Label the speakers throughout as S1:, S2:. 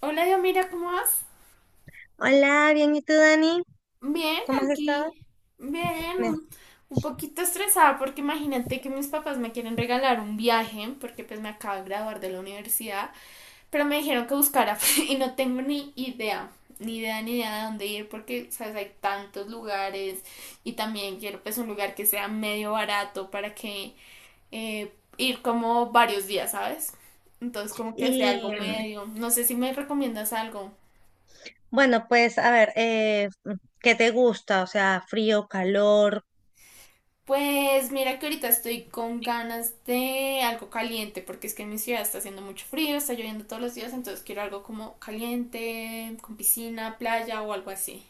S1: Hola, Dios, mira, ¿cómo vas?
S2: Hola, bien, ¿y tú, Dani?
S1: Bien,
S2: ¿Cómo has estado?
S1: aquí. Bien,
S2: Bien.
S1: un poquito estresada porque imagínate que mis papás me quieren regalar un viaje porque pues me acabo de graduar de la universidad, pero me dijeron que buscara y no tengo ni idea, ni idea, ni idea de dónde ir porque, sabes, hay tantos lugares y también quiero pues un lugar que sea medio barato para que eh, ir como varios días, ¿sabes? Entonces como que sea algo
S2: Y
S1: medio. No sé si me recomiendas algo.
S2: bueno, pues a ver, ¿qué te gusta? O sea, frío, calor.
S1: Pues mira que ahorita estoy con ganas de algo caliente, porque es que en mi ciudad está haciendo mucho frío, está lloviendo todos los días, entonces quiero algo como caliente, con piscina, playa o algo así.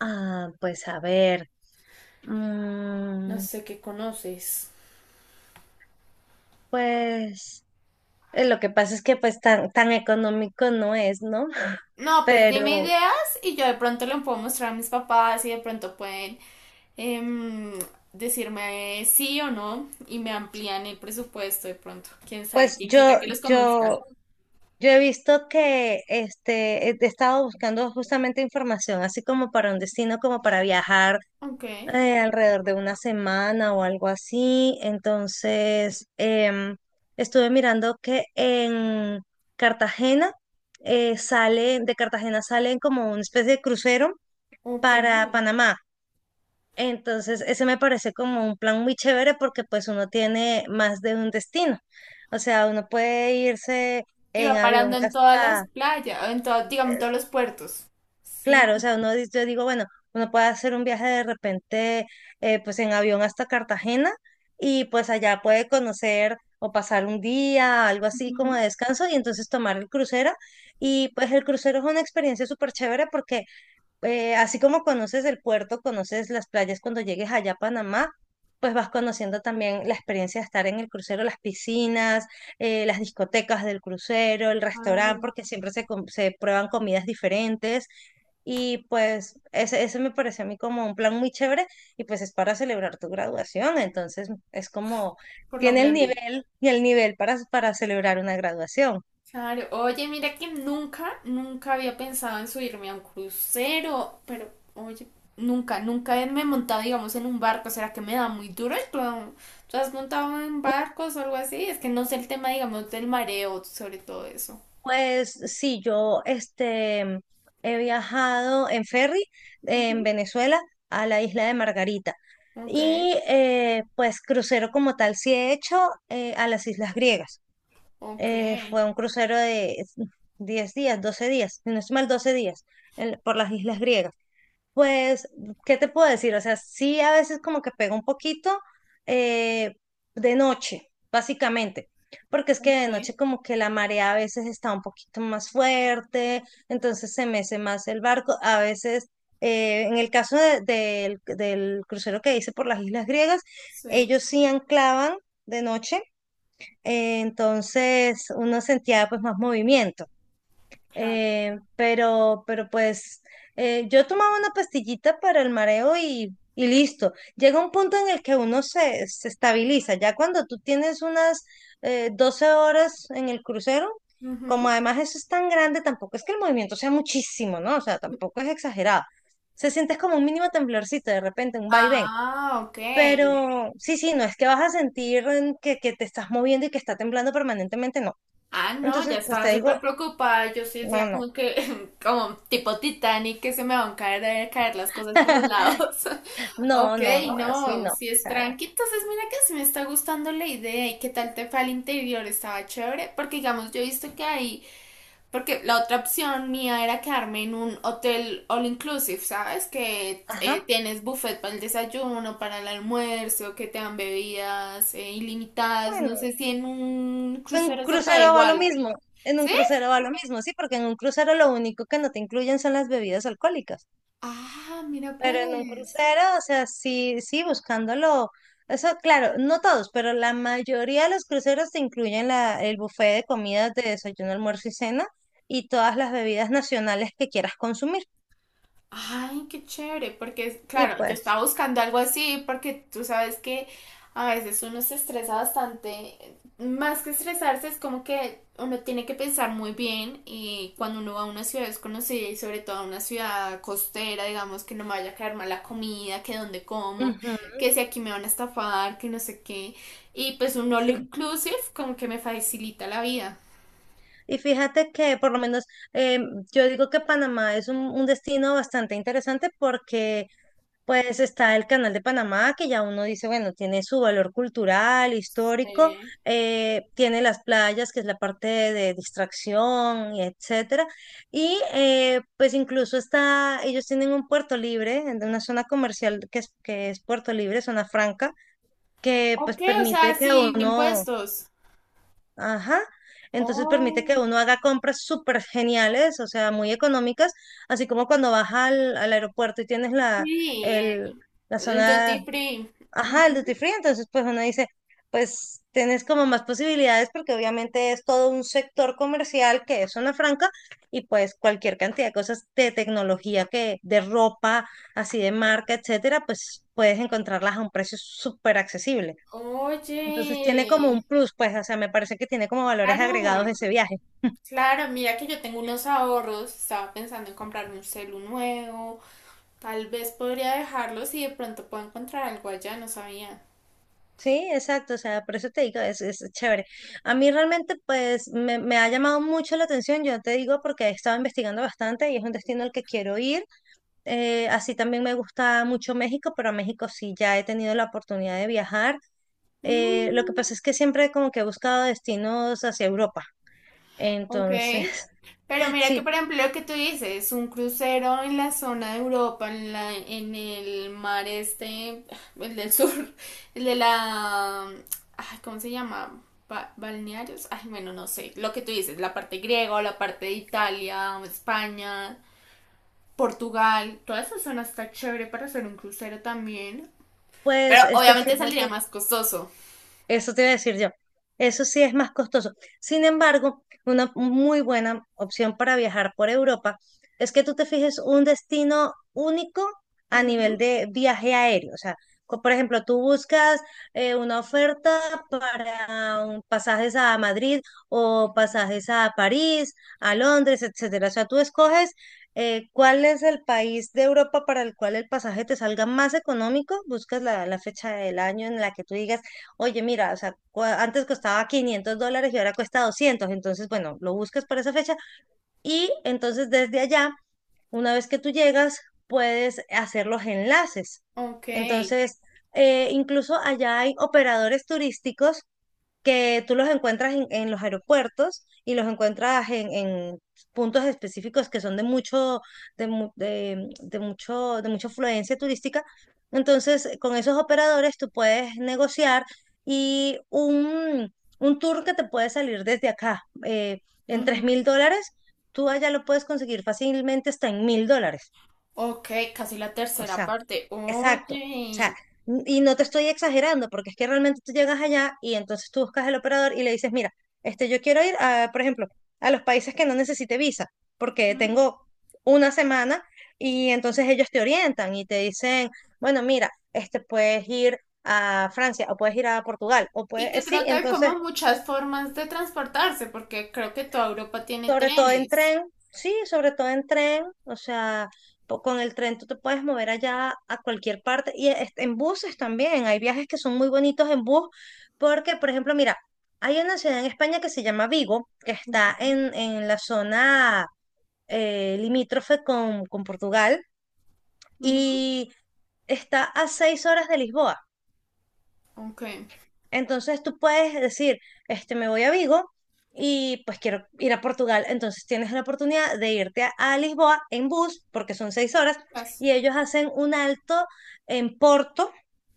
S2: Ah, pues a ver,
S1: No
S2: mm,
S1: sé qué conoces.
S2: pues lo que pasa es que pues tan económico no es, ¿no?
S1: No, pues dime
S2: Pero
S1: ideas y yo de pronto le puedo mostrar a mis papás y de pronto pueden em, decirme sí o no y me amplían el presupuesto de pronto. Quién sabe,
S2: pues
S1: quién quita que los convenzca.
S2: yo, yo he visto que he estado buscando justamente información, así como para un destino, como para viajar
S1: Ok,
S2: alrededor de una semana o algo así. Entonces, estuve mirando que en Cartagena de Cartagena salen como una especie de crucero
S1: ok.
S2: para Panamá. Entonces, ese me parece como un plan muy chévere porque pues uno tiene más de un destino. O sea, uno puede irse en
S1: Iba parando
S2: avión
S1: en todas las
S2: hasta.
S1: playas, en todo, digamos, en todos los puertos. Sí.
S2: Claro, o sea, yo digo, bueno, uno puede hacer un viaje de repente, pues en avión hasta Cartagena y pues allá puede conocer o pasar un día, algo así como
S1: Ujú.
S2: de descanso y entonces tomar el crucero. Y pues el crucero es una experiencia súper chévere porque así como conoces el puerto, conoces las playas cuando llegues allá a Panamá, pues vas conociendo también la experiencia de estar en el crucero, las piscinas, las discotecas del crucero, el restaurante,
S1: Claro.
S2: porque siempre se prueban comidas diferentes. Y pues ese me parece a mí como un plan muy chévere y pues es para celebrar tu graduación, entonces es como
S1: Por lo
S2: tiene el
S1: grande.
S2: nivel y el nivel para celebrar una graduación.
S1: Claro, oye, mira que nunca, nunca había pensado en subirme a un crucero, pero oye, nunca, nunca me he montado, digamos, en un barco, ¿será que me da muy duro? ¿Tú, tú has montado en barcos o algo así? Es que no sé el tema, digamos, del mareo, sobre todo eso.
S2: Pues sí, yo he viajado en ferry en
S1: Ujú.
S2: Venezuela a la isla de Margarita
S1: Ok,
S2: y pues crucero como tal sí he hecho a las islas griegas.
S1: ok,
S2: Fue un crucero de 10 días, 12 días, si no es mal 12 días por las islas griegas. Pues, ¿qué te puedo decir? O sea, sí a veces como que pega un poquito eh, de noche, básicamente, porque es que de
S1: ok,
S2: noche como que la marea a veces está un poquito más fuerte, entonces se mece más el barco. A veces, en el caso del crucero que hice por las Islas Griegas,
S1: sí,
S2: ellos sí anclaban de noche, entonces uno sentía pues más movimiento.
S1: claro.
S2: Pero pues yo tomaba una pastillita para el mareo y listo. Llega un punto en el que uno se estabiliza. Ya cuando tú tienes unas 12 horas en el crucero, como
S1: Ujú.
S2: además eso es tan grande, tampoco es que el movimiento sea muchísimo, ¿no? O sea, tampoco es exagerado. Se sientes como un mínimo temblorcito de repente, un vaivén.
S1: Ah, ok.
S2: Pero sí, sí, no es que vas a sentir que te estás moviendo y que está temblando permanentemente, no.
S1: Ah, no, ya
S2: Entonces, pues
S1: estaba
S2: te digo,
S1: súper preocupada. Yo sí
S2: no,
S1: decía
S2: no.
S1: como que, como tipo Titanic, que se me van a caer, caer las cosas por los lados.
S2: No,
S1: Ok,
S2: no, no, así
S1: no,
S2: no. O
S1: si es
S2: sea,
S1: tranqui. Entonces, mira que sí me está gustando la idea. ¿Y qué tal te fue al interior? Estaba chévere. Porque, digamos, yo he visto que hay. Porque la otra opción mía era quedarme en un hotel all inclusive, ¿sabes? Que
S2: ajá,
S1: tienes buffet para el desayuno, para el almuerzo, que te dan bebidas ilimitadas. No
S2: bueno,
S1: sé si en un
S2: en un
S1: crucero se puede
S2: crucero va lo
S1: igual.
S2: mismo, en un
S1: Sí,
S2: crucero va lo mismo, sí, porque en un crucero lo único que no te incluyen son las bebidas alcohólicas,
S1: ah, mira
S2: pero en un
S1: pues.
S2: crucero, o sea, sí, sí, buscándolo, eso claro, no todos, pero la mayoría de los cruceros te incluyen la, el buffet de comidas de desayuno, almuerzo y cena y todas las bebidas nacionales que quieras consumir.
S1: Ay, qué chévere, porque es-
S2: Y
S1: claro, yo
S2: pues,
S1: estaba buscando algo así, porque tú sabes que a veces uno se estresa bastante. Más que estresarse, es como que uno tiene que pensar muy bien y cuando uno va a una ciudad desconocida y sobre todo a una ciudad costera, digamos, que no me vaya a caer mal la comida, que dónde como,
S2: ujú,
S1: que si aquí me van a estafar, que no sé qué. Y pues un all
S2: sí.
S1: inclusive como que me facilita la vida.
S2: Y fíjate que por lo menos eh, yo digo que Panamá es un destino bastante interesante porque pues está el Canal de Panamá, que ya uno dice, bueno, tiene su valor cultural, histórico,
S1: Eh,
S2: tiene las playas, que es la parte de, distracción, y etcétera. Y pues incluso está, ellos tienen un puerto libre, en una zona comercial que es Puerto Libre, zona franca, que pues
S1: ok, o sea,
S2: permite que
S1: sin
S2: uno...
S1: impuestos.
S2: Ajá. Entonces permite que
S1: Oh,
S2: uno haga compras súper geniales, o sea, muy económicas, así como cuando vas al aeropuerto y tienes
S1: sí,
S2: el, la
S1: el
S2: zona,
S1: duty free.
S2: ajá, el duty
S1: Ujú.
S2: free, entonces pues uno dice, pues tienes como más posibilidades porque obviamente es todo un sector comercial que es zona franca y pues cualquier cantidad de cosas de tecnología que, de ropa, así de marca, etcétera, pues puedes encontrarlas a un precio súper accesible. Entonces tiene como
S1: Oye,
S2: un plus, pues, o sea, me parece que tiene como valores agregados
S1: claro,
S2: ese viaje.
S1: claro, mira que yo tengo unos ahorros, estaba pensando en comprarme un celu nuevo, tal vez podría dejarlos y de pronto puedo encontrar algo allá, no sabía.
S2: Sí, exacto, o sea, por eso te digo, es chévere. A mí realmente, pues, me ha llamado mucho la atención, yo te digo, porque he estado investigando bastante y es un destino al que quiero ir. Así también me gusta mucho México, pero a México sí ya he tenido la oportunidad de viajar. Lo que
S1: Mm.
S2: pasa es que siempre como que he buscado destinos hacia Europa.
S1: Ok.
S2: Entonces,
S1: Pero mira que,
S2: sí,
S1: por ejemplo, lo que tú dices, un crucero en la zona de Europa, en el mar este, el del sur, el de la, ay, ¿cómo se llama? Ba- balnearios, ay, bueno, no sé, lo que tú dices, la parte griega o la parte de Italia, España, Portugal, toda esa zona está chévere para hacer un crucero también, pero
S2: pues,
S1: obviamente saldría
S2: fíjate.
S1: más costoso.
S2: Eso te iba a decir yo. Eso sí es más costoso. Sin embargo, una muy buena opción para viajar por Europa es que tú te fijes un destino único a nivel
S1: Ujú.
S2: de viaje aéreo. O sea, por ejemplo, tú buscas una oferta para pasajes a Madrid o pasajes a París, a Londres, etcétera. O sea, tú escoges cuál es el país de Europa para el cual el pasaje te salga más económico, buscas la, la fecha del año en la que tú digas oye, mira, o sea, antes costaba 500 dólares y ahora cuesta 200, entonces, bueno, lo buscas para esa fecha y entonces desde allá, una vez que tú llegas, puedes hacer los enlaces.
S1: Ok.
S2: Entonces, incluso allá hay operadores turísticos que tú los encuentras en los aeropuertos y los encuentras en puntos específicos que son de mucho, de, mu- de mucho, de mucha afluencia turística. Entonces, con esos operadores tú puedes negociar y un tour que te puede salir desde acá en tres
S1: Ujú.
S2: mil dólares, tú allá lo puedes conseguir fácilmente hasta en 1.000 dólares.
S1: Ok, casi la
S2: O
S1: tercera
S2: sea,
S1: parte.
S2: exacto. O sea,
S1: Oye,
S2: y no te estoy exagerando, porque es que realmente tú llegas allá y entonces tú buscas al operador y le dices, mira, yo quiero ir a, por ejemplo, a los países que no necesite visa, porque tengo una semana y entonces ellos te orientan y te dicen, bueno, mira, este puedes ir a Francia o puedes ir a Portugal o
S1: y que
S2: puedes, sí,
S1: creo que hay
S2: entonces
S1: como muchas formas de transportarse, porque creo que toda Europa tiene
S2: sobre todo en
S1: trenes.
S2: tren, sí, sobre todo en tren, o sea, con el tren tú te puedes mover allá a cualquier parte y en buses también, hay viajes que son muy bonitos en bus, porque, por ejemplo, mira, hay una ciudad en España que se llama Vigo, que
S1: Ok.
S2: está en la zona limítrofe con Portugal
S1: Ujú.
S2: y está a 6 horas de Lisboa.
S1: Ok.
S2: Entonces tú puedes decir, me voy a Vigo y pues quiero ir a Portugal. Entonces tienes la oportunidad de irte a Lisboa en bus, porque son 6 horas,
S1: Pas-
S2: y ellos hacen un alto en Porto.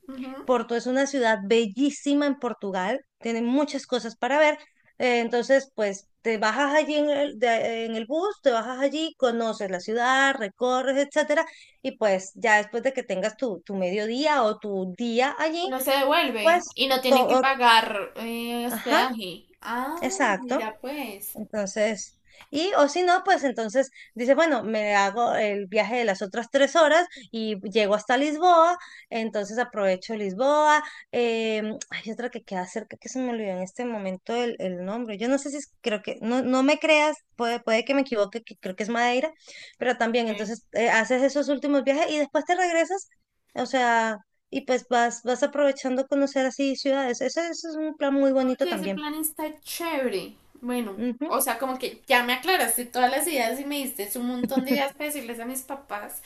S1: ujú.
S2: Porto es una ciudad bellísima en Portugal, tienen muchas cosas para ver. Entonces, pues te bajas allí en el bus, te bajas allí, conoces la ciudad, recorres, etcétera, y pues ya después de que tengas tu mediodía o tu día allí,
S1: Uno se
S2: pues
S1: devuelve y no tiene que
S2: todo,
S1: pagar
S2: ajá.
S1: hospedaje. Ah,
S2: Exacto.
S1: mira pues.
S2: Entonces, y o si no, pues entonces dice, bueno, me hago el viaje de las otras 3 horas y llego hasta Lisboa, entonces aprovecho Lisboa. Hay otra que queda cerca que se me olvidó en este momento el nombre. Yo no sé si es- creo que, no, no me creas, puede que me equivoque, que creo que es Madeira, pero también entonces haces esos últimos viajes y después te regresas, o sea, y pues vas aprovechando conocer así ciudades. Ese es un plan muy bonito
S1: Oye, ese
S2: también.
S1: plan está chévere. Bueno,
S2: Ujú.
S1: o sea, como que ya me aclaraste todas las ideas y me diste un montón de ideas para decirles a mis papás.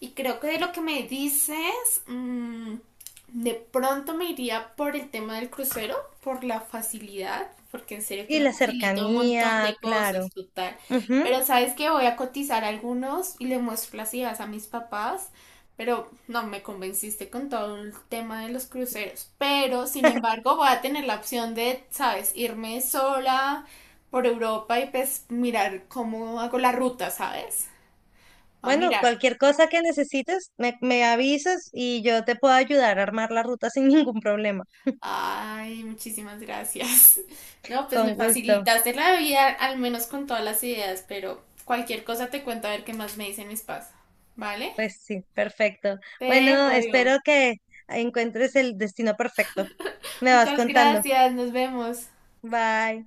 S1: Y creo que de lo que me dices, mm, de pronto me iría por el tema del crucero, por la facilidad, porque en serio que
S2: Y
S1: me
S2: la
S1: facilita un montón
S2: cercanía,
S1: de
S2: claro.
S1: cosas, total.
S2: Ujú.
S1: Pero sabes que voy a cotizar algunos y le muestro las ideas a mis papás pero no me convenciste con todo el tema de los cruceros. Pero, sin embargo, voy a tener la opción de, ¿sabes? Irme sola por Europa y pues mirar cómo hago la ruta, ¿sabes? Va a
S2: Bueno,
S1: mirar.
S2: cualquier cosa que necesites, me avisas y yo te puedo ayudar a armar la ruta sin ningún problema.
S1: Ay, muchísimas gracias. No, pues me
S2: Con gusto.
S1: facilitaste la vida, al menos con todas las ideas, pero cualquier cosa te cuento a ver qué más me dicen mis papás. ¿Vale?
S2: Pues sí, perfecto.
S1: Te dejo,
S2: Bueno,
S1: digo.
S2: espero que encuentres el destino perfecto. Me vas
S1: Muchas
S2: contando.
S1: gracias, nos vemos.
S2: Bye.